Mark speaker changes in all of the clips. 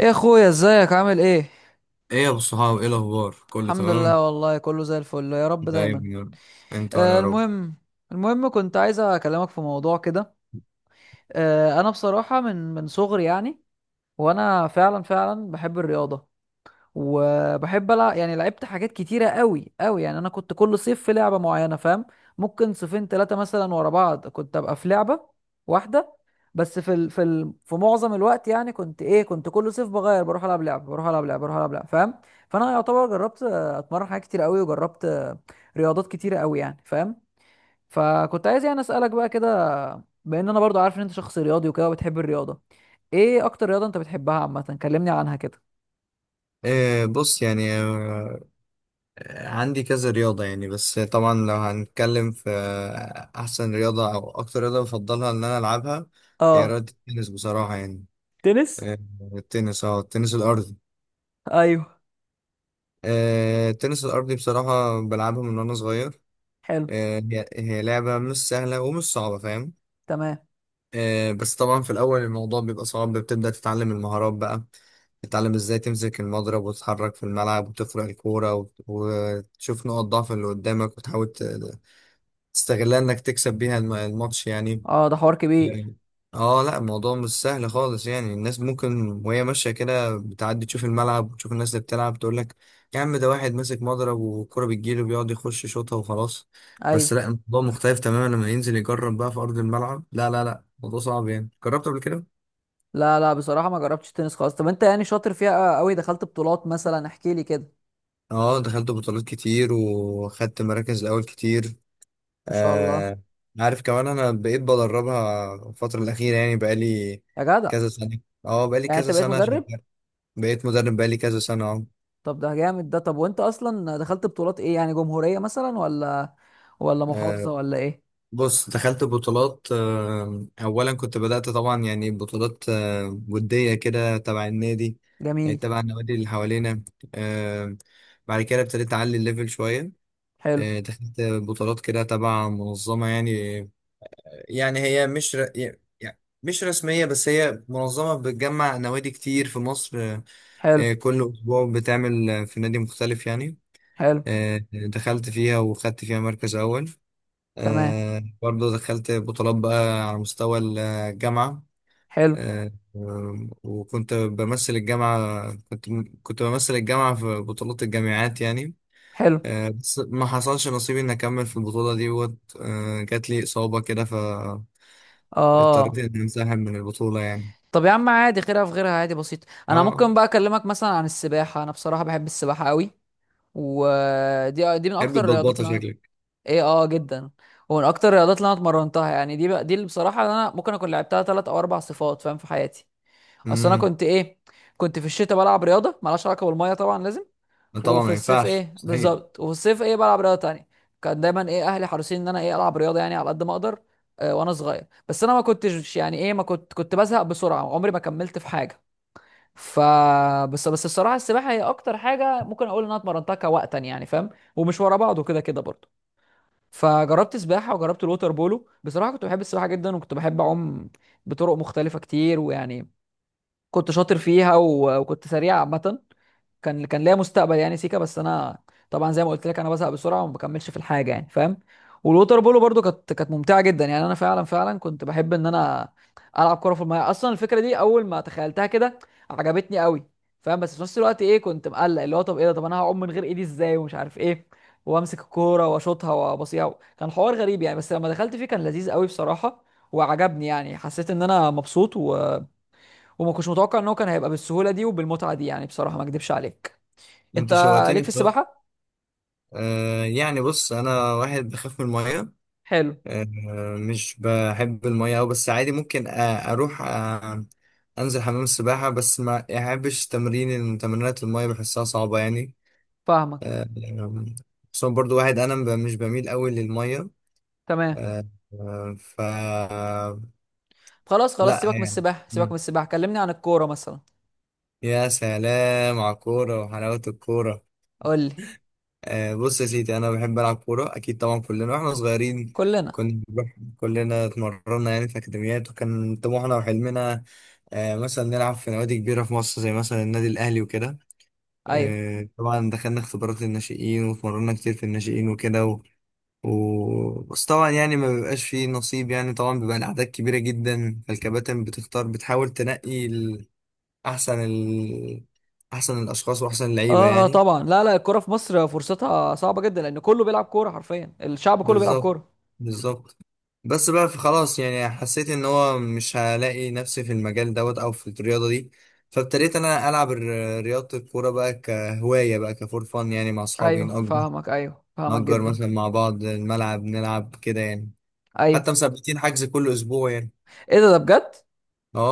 Speaker 1: ايه يا اخويا، ازيك؟ عامل ايه؟
Speaker 2: ايه يا ابو الصحاب، ايه الاخبار؟ كله
Speaker 1: الحمد
Speaker 2: تمام؟
Speaker 1: لله والله، كله زي الفل يا رب دايما.
Speaker 2: دايما يا رب. انت وانا
Speaker 1: آه،
Speaker 2: يا رب.
Speaker 1: المهم، المهم كنت عايز اكلمك في موضوع كده. آه، انا بصراحة من صغري يعني وانا فعلا فعلا بحب الرياضة وبحب العب، يعني لعبت حاجات كتيره قوي قوي، يعني انا كنت كل صيف في لعبه معينه، فاهم؟ ممكن صيفين ثلاثه مثلا ورا بعض كنت ابقى في لعبه واحده، بس في معظم الوقت يعني كنت ايه، كنت كل صيف بغير، بروح العب لعبه بروح العب لعبه بروح العب لعبه، فاهم؟ فانا يعتبر جربت، اتمرن حاجات كتير قوي وجربت، رياضات كتيره قوي يعني، فاهم؟ فكنت عايز يعني اسالك بقى كده، بان انا برضو عارف ان انت شخص رياضي وكده وبتحب الرياضه. ايه اكتر رياضه انت بتحبها عامه؟ كلمني عنها كده.
Speaker 2: إيه، بص يعني، عندي كذا رياضة يعني. بس طبعا لو هنتكلم في أحسن رياضة أو أكتر رياضة بفضلها إن أنا ألعبها، هي
Speaker 1: اه.
Speaker 2: رياضة التنس بصراحة يعني.
Speaker 1: تنس.
Speaker 2: آه، التنس الأرضي.
Speaker 1: ايوه.
Speaker 2: التنس الأرضي بصراحة بلعبها من وأنا صغير.
Speaker 1: حلو.
Speaker 2: هي لعبة مش سهلة ومش صعبة، فاهم؟
Speaker 1: تمام.
Speaker 2: بس طبعا في الأول الموضوع بيبقى صعب، بتبدأ تتعلم المهارات بقى، تتعلم ازاي تمسك المضرب وتتحرك في الملعب وتفرق الكورة وتشوف نقط ضعف اللي قدامك وتحاول تستغلها انك تكسب بيها الماتش يعني.
Speaker 1: اه ده حوار كبير.
Speaker 2: يعني اه، لا الموضوع مش سهل خالص يعني. الناس ممكن وهي ماشية كده بتعدي تشوف الملعب وتشوف الناس اللي بتلعب تقول لك: يا عم، ده واحد ماسك مضرب والكرة بتجيله بيقعد يخش يشوطها وخلاص. بس
Speaker 1: ايوه.
Speaker 2: لا، الموضوع مختلف تماما لما ينزل يجرب بقى في أرض الملعب. لا لا لا، الموضوع صعب يعني. جربت قبل كده؟
Speaker 1: لا لا، بصراحه ما جربتش تنس خالص. طب انت يعني شاطر فيها قوي؟ دخلت بطولات مثلا؟ احكي لي كده.
Speaker 2: اه، دخلت بطولات كتير وخدت مراكز الأول كتير.
Speaker 1: ما شاء الله.
Speaker 2: آه عارف كمان، أنا بقيت بدربها الفترة الأخيرة، يعني بقالي
Speaker 1: يا جدع.
Speaker 2: كذا سنة. اه، بقالي
Speaker 1: يعني انت
Speaker 2: كذا
Speaker 1: بقيت
Speaker 2: سنة شغال.
Speaker 1: مدرب؟
Speaker 2: بقيت مدرب بقالي كذا سنة، اه.
Speaker 1: طب ده جامد ده. طب وانت اصلا دخلت بطولات ايه؟ يعني جمهوريه مثلا ولا ولا محافظه
Speaker 2: آه،
Speaker 1: ولا ايه؟
Speaker 2: بص، دخلت بطولات. اولا كنت بدأت طبعا يعني بطولات ودية كده تبع النادي، يعني
Speaker 1: جميل.
Speaker 2: تبع النوادي اللي حوالينا. آه، بعد كده ابتديت اعلي الليفل شوية.
Speaker 1: حلو.
Speaker 2: دخلت بطولات كده تبع منظمة، يعني يعني هي مش ر... يعني مش رسمية، بس هي منظمة بتجمع نوادي كتير في مصر.
Speaker 1: حلو.
Speaker 2: كل أسبوع بتعمل في نادي مختلف يعني.
Speaker 1: حلو.
Speaker 2: دخلت فيها وخدت فيها مركز أول.
Speaker 1: تمام.
Speaker 2: برضو دخلت بطولات بقى على مستوى الجامعة.
Speaker 1: حلو.
Speaker 2: وكنت بمثل الجامعة، كنت كنت بمثل الجامعة في بطولات الجامعات يعني.
Speaker 1: حلو.
Speaker 2: بس ما حصلش نصيبي إني أكمل في البطولة دي، وقت جات لي إصابة كده فاضطريت
Speaker 1: اه.
Speaker 2: إني أنسحب من البطولة يعني.
Speaker 1: طب يا عم عادي، خيرها في غيرها، عادي، بسيط. انا
Speaker 2: اه،
Speaker 1: ممكن بقى اكلمك مثلا عن السباحه؟ انا بصراحه بحب السباحه قوي. ودي دي من
Speaker 2: حب
Speaker 1: اكتر الرياضات
Speaker 2: البطبطة
Speaker 1: اللي انا
Speaker 2: شكلك.
Speaker 1: ايه. اه جدا. ومن اكتر الرياضات اللي انا اتمرنتها يعني، دي بقى دي اللي بصراحه انا ممكن اكون لعبتها ثلاث او اربع صفات، فاهم، في حياتي. اصل انا
Speaker 2: امم
Speaker 1: كنت ايه، كنت في الشتاء بلعب رياضه مالهاش علاقه بالميه طبعا لازم.
Speaker 2: طبعا،
Speaker 1: وفي
Speaker 2: ما
Speaker 1: الصيف
Speaker 2: ينفعش
Speaker 1: ايه
Speaker 2: مستحيل.
Speaker 1: بالظبط، وفي الصيف ايه بلعب رياضه تانية. كان دايما ايه اهلي حريصين ان انا ايه العب رياضه يعني على قد ما اقدر. وانا صغير، بس انا ما كنتش يعني ايه، ما كنت كنت بزهق بسرعه، عمري ما كملت في حاجه. ف، بس بس الصراحه السباحه هي اكتر حاجه ممكن اقول ان انا اتمرنتها كوقتا، يعني فاهم. ومش ورا بعض وكده كده برضه. فجربت سباحه وجربت الوتر بولو. بصراحه كنت بحب السباحه جدا وكنت بحب اعوم بطرق مختلفه كتير ويعني كنت شاطر فيها وكنت سريع عامه. كان ليا مستقبل يعني سيكا، بس انا طبعا زي ما قلت لك انا بزهق بسرعه وما بكملش في الحاجه، يعني فاهم. والووتر بولو برضو كانت ممتعه جدا، يعني انا فعلا فعلا كنت بحب ان انا العب كره في الميه. اصلا الفكره دي اول ما تخيلتها كده عجبتني قوي، فاهم. بس في نفس الوقت ايه كنت مقلق اللي هو طب ايه ده، طب انا هعوم من غير ايدي ازاي ومش عارف ايه، وامسك الكوره واشوطها وابصيها. كان حوار غريب يعني، بس لما دخلت فيه كان لذيذ قوي بصراحه وعجبني، يعني حسيت ان انا مبسوط وما كنتش متوقع ان هو كان هيبقى بالسهوله دي وبالمتعه دي، يعني بصراحه ما اكدبش عليك. انت
Speaker 2: انت
Speaker 1: ليك
Speaker 2: شوقتني
Speaker 1: في
Speaker 2: بصراحة.
Speaker 1: السباحه.
Speaker 2: يعني بص، انا واحد بخاف من الميه.
Speaker 1: حلو.
Speaker 2: آه، مش بحب المية أوي، بس عادي ممكن أروح أنزل حمام السباحة، بس ما أحبش تمرينات المية، بحسها صعبة يعني.
Speaker 1: فاهمك.
Speaker 2: آه، خصوصا برضو واحد أنا مش بميل أوي للمية.
Speaker 1: تمام.
Speaker 2: آه، آه، ف
Speaker 1: خلاص خلاص
Speaker 2: لا
Speaker 1: سيبك من
Speaker 2: يعني.
Speaker 1: السباحه، سيبك من
Speaker 2: مم.
Speaker 1: السباحه، كلمني عن الكوره مثلا.
Speaker 2: يا سلام على الكورة وحلاوة الكورة.
Speaker 1: قول لي.
Speaker 2: بص يا سيدي، انا بحب العب كوره اكيد. طبعا كلنا واحنا صغيرين
Speaker 1: كلنا.
Speaker 2: كنا بنروح كلنا اتمرنا يعني في اكاديميات، وكان طموحنا وحلمنا مثلا نلعب في نوادي كبيره في مصر، زي مثلا النادي الاهلي وكده.
Speaker 1: ايوه.
Speaker 2: طبعا دخلنا اختبارات الناشئين واتمرنا كتير في الناشئين وكده بس طبعا يعني ما بيبقاش فيه نصيب. يعني طبعا بيبقى الاعداد كبيره جدا، فالكباتن بتختار بتحاول تنقي احسن ال... احسن الاشخاص واحسن اللعيبه
Speaker 1: اه اه
Speaker 2: يعني.
Speaker 1: طبعا. لا لا، الكوره في مصر فرصتها صعبه جدا، لان كله بيلعب كوره، حرفيا الشعب كله بيلعب
Speaker 2: بالظبط،
Speaker 1: كوره.
Speaker 2: بالظبط. بس بقى في خلاص يعني، حسيت ان هو مش هلاقي نفسي في المجال دوت او في الرياضه دي. فابتديت انا العب رياضه الكوره بقى كهوايه، بقى كفور فن يعني مع اصحابي.
Speaker 1: ايوه
Speaker 2: نأجر
Speaker 1: فاهمك، ايوه فاهمك
Speaker 2: نأجر
Speaker 1: جدا.
Speaker 2: مثلا مع بعض الملعب نلعب كده يعني. حتى
Speaker 1: ايوه.
Speaker 2: مثبتين حجز كل اسبوع يعني.
Speaker 1: ايه ده بجد؟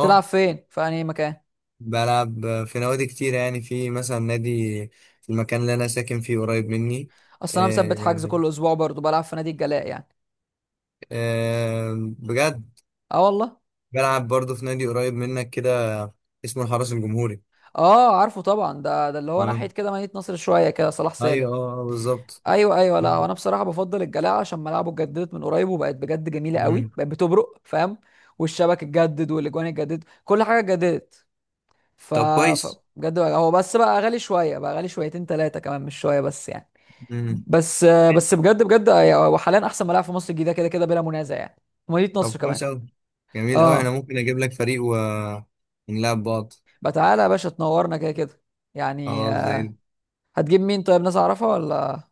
Speaker 1: تلعب فين، في انهي مكان؟
Speaker 2: بلعب في نوادي كتير، يعني في مثلا نادي في المكان اللي انا ساكن فيه قريب مني.
Speaker 1: اصل انا مثبت حجز
Speaker 2: آه،
Speaker 1: كل اسبوع برضه، بلعب في نادي الجلاء يعني.
Speaker 2: آه، بجد،
Speaker 1: اه والله.
Speaker 2: بلعب برضه في نادي قريب منك كده، اسمه الحرس الجمهوري.
Speaker 1: اه عارفه طبعا، ده اللي هو
Speaker 2: اه،
Speaker 1: ناحيه كده مدينه نصر شويه كده، صلاح سالم.
Speaker 2: ايوه، اه، بالظبط.
Speaker 1: ايوه ايوه. لا هو انا بصراحه بفضل الجلاعه عشان ملاعبه اتجددت من قريب وبقت بجد جميله قوي،
Speaker 2: مم.
Speaker 1: بقت بتبرق فاهم. والشبك اتجدد والاجوان اتجددت، كل حاجه اتجددت. ف،
Speaker 2: طب كويس.
Speaker 1: هو بس بقى غالي شويه، بقى غالي شويتين ثلاثه كمان، مش شويه بس يعني.
Speaker 2: مم.
Speaker 1: بس.
Speaker 2: حلو.
Speaker 1: بس بجد بجد هو حاليا احسن ملاعب في مصر الجديده كده كده بلا منازع يعني، مدينه
Speaker 2: طب
Speaker 1: نصر كمان.
Speaker 2: كويس أوي. جميل أوي، أنا
Speaker 1: اه.
Speaker 2: ممكن أجيب لك فريق ونلعب بعض.
Speaker 1: بقى تعالى يا باشا تنورنا كده كده. يعني
Speaker 2: خلاص زي ال-
Speaker 1: هتجيب مين؟ طيب ناس اعرفها ولا؟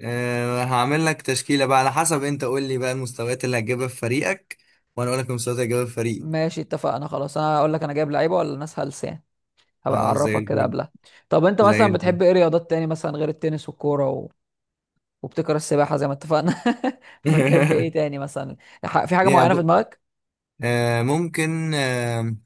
Speaker 2: أه هعمل لك تشكيلة بقى، على حسب أنت قول لي بقى المستويات اللي هتجيبها في فريقك، وأنا أقول لك المستويات اللي هتجيبها في فريقي.
Speaker 1: ماشي اتفقنا خلاص. انا اقول لك انا جايب لعيبه ولا ناس هلس يعني، هبقى
Speaker 2: خلاص، زي
Speaker 1: اعرفك كده
Speaker 2: الفل،
Speaker 1: قبلها. طب انت
Speaker 2: زي
Speaker 1: مثلا
Speaker 2: الفل.
Speaker 1: بتحب ايه رياضات تاني مثلا غير التنس والكوره وبتكره السباحه زي ما اتفقنا. فبتحب ايه تاني مثلا؟ في حاجه
Speaker 2: يعني
Speaker 1: معينه في
Speaker 2: ب...
Speaker 1: دماغك؟
Speaker 2: أه ممكن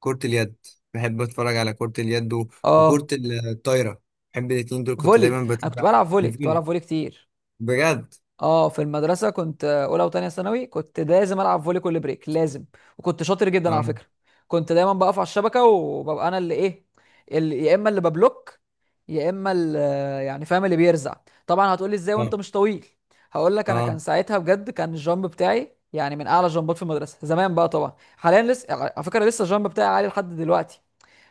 Speaker 2: كرة اليد. بحب اتفرج على كرة اليد وكرة
Speaker 1: اه.
Speaker 2: الطايرة. بحب الاتنين دول، كنت
Speaker 1: فولي!
Speaker 2: دايما
Speaker 1: انا كنت
Speaker 2: بتابع
Speaker 1: بلعب فولي، كنت
Speaker 2: الفيلم
Speaker 1: بلعب فولي كتير.
Speaker 2: بجد.
Speaker 1: اه في المدرسه كنت اولى وتانية ثانوي كنت لازم العب فولي كل بريك لازم. وكنت شاطر جدا على
Speaker 2: اه
Speaker 1: فكره. كنت دايما بقف على الشبكه وببقى انا اللي ايه، اللي يا اما اللي ببلوك، يا اما اللي، يعني فاهم، اللي بيرزع. طبعا هتقولي ازاي
Speaker 2: اه
Speaker 1: وانت مش طويل؟ هقول لك انا
Speaker 2: اه،
Speaker 1: كان ساعتها بجد كان الجامب بتاعي يعني من اعلى الجامبات في المدرسه زمان. بقى طبعا حاليا لسه على فكره، لسه الجامب بتاعي عالي لحد دلوقتي،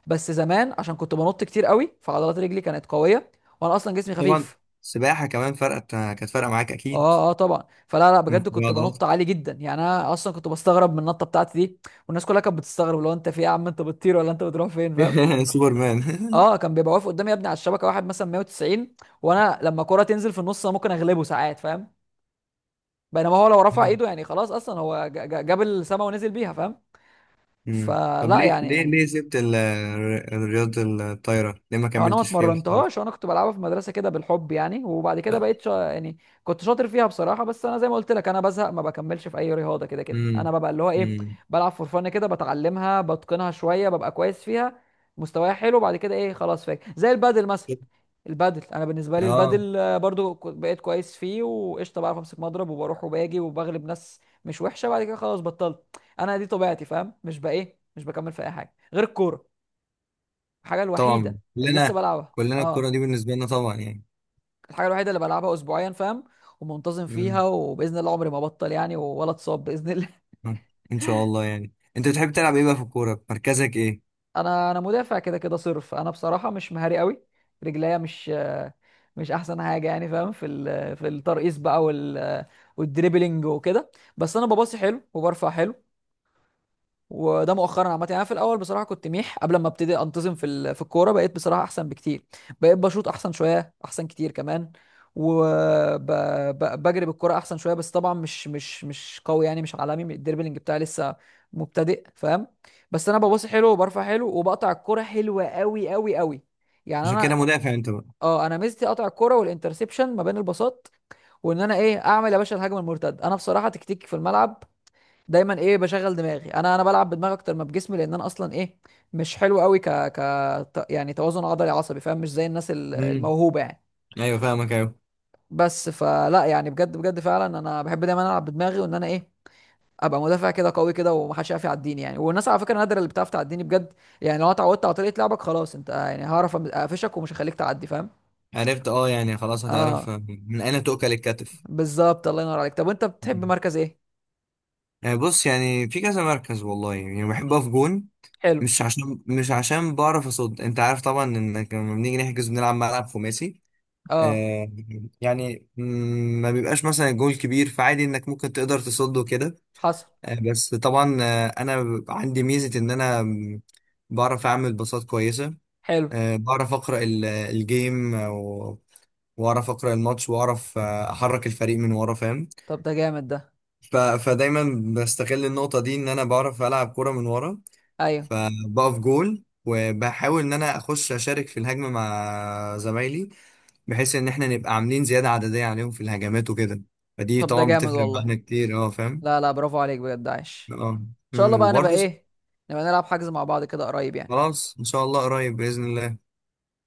Speaker 1: بس زمان عشان كنت بنط كتير قوي، فعضلات رجلي كانت قويه، وانا اصلا جسمي
Speaker 2: طبعا
Speaker 1: خفيف.
Speaker 2: السباحة كمان كانت فارقة معاك اكيد.
Speaker 1: اه اه طبعا. فلا لا، بجد كنت
Speaker 2: عضلات.
Speaker 1: بنط عالي جدا، يعني انا اصلا كنت بستغرب من النطه بتاعتي دي. والناس كلها كانت بتستغرب، لو انت في ايه يا عم، انت بتطير ولا انت بتروح فين، فاهم؟
Speaker 2: سوبرمان.
Speaker 1: اه كان بيبقى واقف قدامي يا ابني على الشبكه واحد مثلا 190، وانا لما كرة تنزل في النص انا ممكن اغلبه ساعات، فاهم. بينما هو لو رفع ايده يعني خلاص، اصلا هو جاب السما ونزل بيها، فاهم.
Speaker 2: مم. طب
Speaker 1: فلا
Speaker 2: ليه
Speaker 1: يعني،
Speaker 2: سبت رياضة الطايرة؟ ليه ما
Speaker 1: أو انا ما
Speaker 2: كملتش فيها
Speaker 1: اتمرنتهاش،
Speaker 2: واحترفت؟
Speaker 1: انا كنت بلعبها في المدرسه كده بالحب يعني. وبعد كده بقيت يعني كنت شاطر فيها بصراحه. بس انا زي ما قلت لك انا بزهق، ما بكملش في اي رياضه، كده كده انا
Speaker 2: امم
Speaker 1: ببقى اللي هو ايه،
Speaker 2: امم
Speaker 1: بلعب فور فن كده، بتعلمها بتقنها شويه ببقى كويس فيها، مستواي حلو، بعد كده ايه خلاص. فاكر زي البادل مثلا؟ البادل انا بالنسبه لي
Speaker 2: اه
Speaker 1: البادل، برضو بقيت كويس فيه وقشطه، بعرف امسك مضرب وبروح وباجي وبغلب ناس مش وحشه، بعد كده خلاص بطلت. انا دي طبيعتي فاهم، مش بقى ايه، مش بكمل في اي حاجه غير الكوره. الحاجة
Speaker 2: طبعا
Speaker 1: الوحيدة اللي لسه
Speaker 2: كلنا.
Speaker 1: بلعبها
Speaker 2: كلنا الكرة
Speaker 1: اه،
Speaker 2: دي بالنسبة لنا طبعا،
Speaker 1: الحاجة الوحيدة اللي بلعبها اسبوعيا فاهم، ومنتظم
Speaker 2: يعني.
Speaker 1: فيها، وباذن الله عمري ما ابطل يعني ولا اتصاب باذن الله.
Speaker 2: مم. ان شاء الله. يعني انت بتحب تلعب ايه بقى في الكوره؟ مركزك ايه؟
Speaker 1: انا مدافع كده كده صرف. انا بصراحة مش مهاري قوي، رجليا مش مش احسن حاجة يعني فاهم في في الترقيص بقى والدريبلينج وكده. بس انا بباصي حلو وبرفع حلو، وده مؤخرا عامه يعني، أنا في الاول بصراحه كنت ميح قبل ما ابتدي انتظم في في الكوره، بقيت بصراحه احسن بكتير، بقيت بشوط احسن شويه، احسن كتير كمان، وبجري بالكوره احسن شويه. بس طبعا مش قوي يعني، مش عالمي، الدربلينج بتاعي لسه مبتدئ فاهم. بس انا بباصي حلو وبرفع حلو، وبقطع الكوره حلوه قوي قوي قوي، يعني
Speaker 2: عشان كده
Speaker 1: انا
Speaker 2: مدافع انت بقى.
Speaker 1: اه، انا ميزتي اقطع الكوره والانترسبشن ما بين الباصات، وان انا ايه اعمل يا باشا الهجمه المرتده. انا بصراحه تكتيكي في الملعب دايما ايه، بشغل دماغي، انا بلعب بدماغي اكتر ما بجسمي، لان انا اصلا ايه مش حلو قوي، يعني توازن عضلي عصبي فاهم، مش زي الناس
Speaker 2: امم
Speaker 1: الموهوبه يعني.
Speaker 2: ايوه فاهمك، ايوه.
Speaker 1: بس فلا يعني، بجد بجد فعلا انا بحب دايما العب بدماغي، وان انا ايه ابقى مدافع كده قوي كده، ومحدش يعرف يعديني يعني. والناس على فكره نادره اللي بتعرف تعديني بجد، يعني لو أنا اتعودت على طريقه لعبك خلاص انت يعني هعرف اقفشك ومش هخليك تعدي فاهم.
Speaker 2: عرفت، يعني خلاص هتعرف
Speaker 1: اه
Speaker 2: من اين تؤكل الكتف.
Speaker 1: بالظبط، الله ينور عليك. طب وانت بتحب
Speaker 2: مم.
Speaker 1: مركز ايه؟
Speaker 2: يعني بص، يعني في كذا مركز، والله يعني بحب اقف جون،
Speaker 1: حلو.
Speaker 2: مش عشان بعرف اصد، انت عارف طبعا انك لما بنيجي نحجز بنلعب ملعب خماسي.
Speaker 1: اه.
Speaker 2: آه يعني ما بيبقاش مثلا الجول كبير، فعادي انك ممكن تقدر تصده كده.
Speaker 1: حصل.
Speaker 2: بس طبعا انا عندي ميزه ان انا بعرف اعمل باصات كويسه.
Speaker 1: حلو.
Speaker 2: بعرف اقرا الجيم واعرف اقرا الماتش واعرف احرك الفريق من ورا، فاهم؟
Speaker 1: طب ده جامد ده.
Speaker 2: فدايما بستغل النقطه دي، ان انا بعرف العب كوره من ورا.
Speaker 1: ايوه.
Speaker 2: فبقف جول وبحاول ان انا اخش اشارك في الهجمه مع زمايلي، بحيث ان احنا نبقى عاملين زياده عدديه عليهم في الهجمات وكده. فدي
Speaker 1: طب ده
Speaker 2: طبعا
Speaker 1: جامد
Speaker 2: بتفرق
Speaker 1: والله.
Speaker 2: معانا كتير، اه فاهم.
Speaker 1: لا لا، برافو عليك بجد عايش.
Speaker 2: اه،
Speaker 1: ان شاء الله بقى نبقى
Speaker 2: وبرضه
Speaker 1: ايه، نبقى نلعب حجز مع بعض كده قريب يعني.
Speaker 2: خلاص ان شاء الله قريب باذن الله.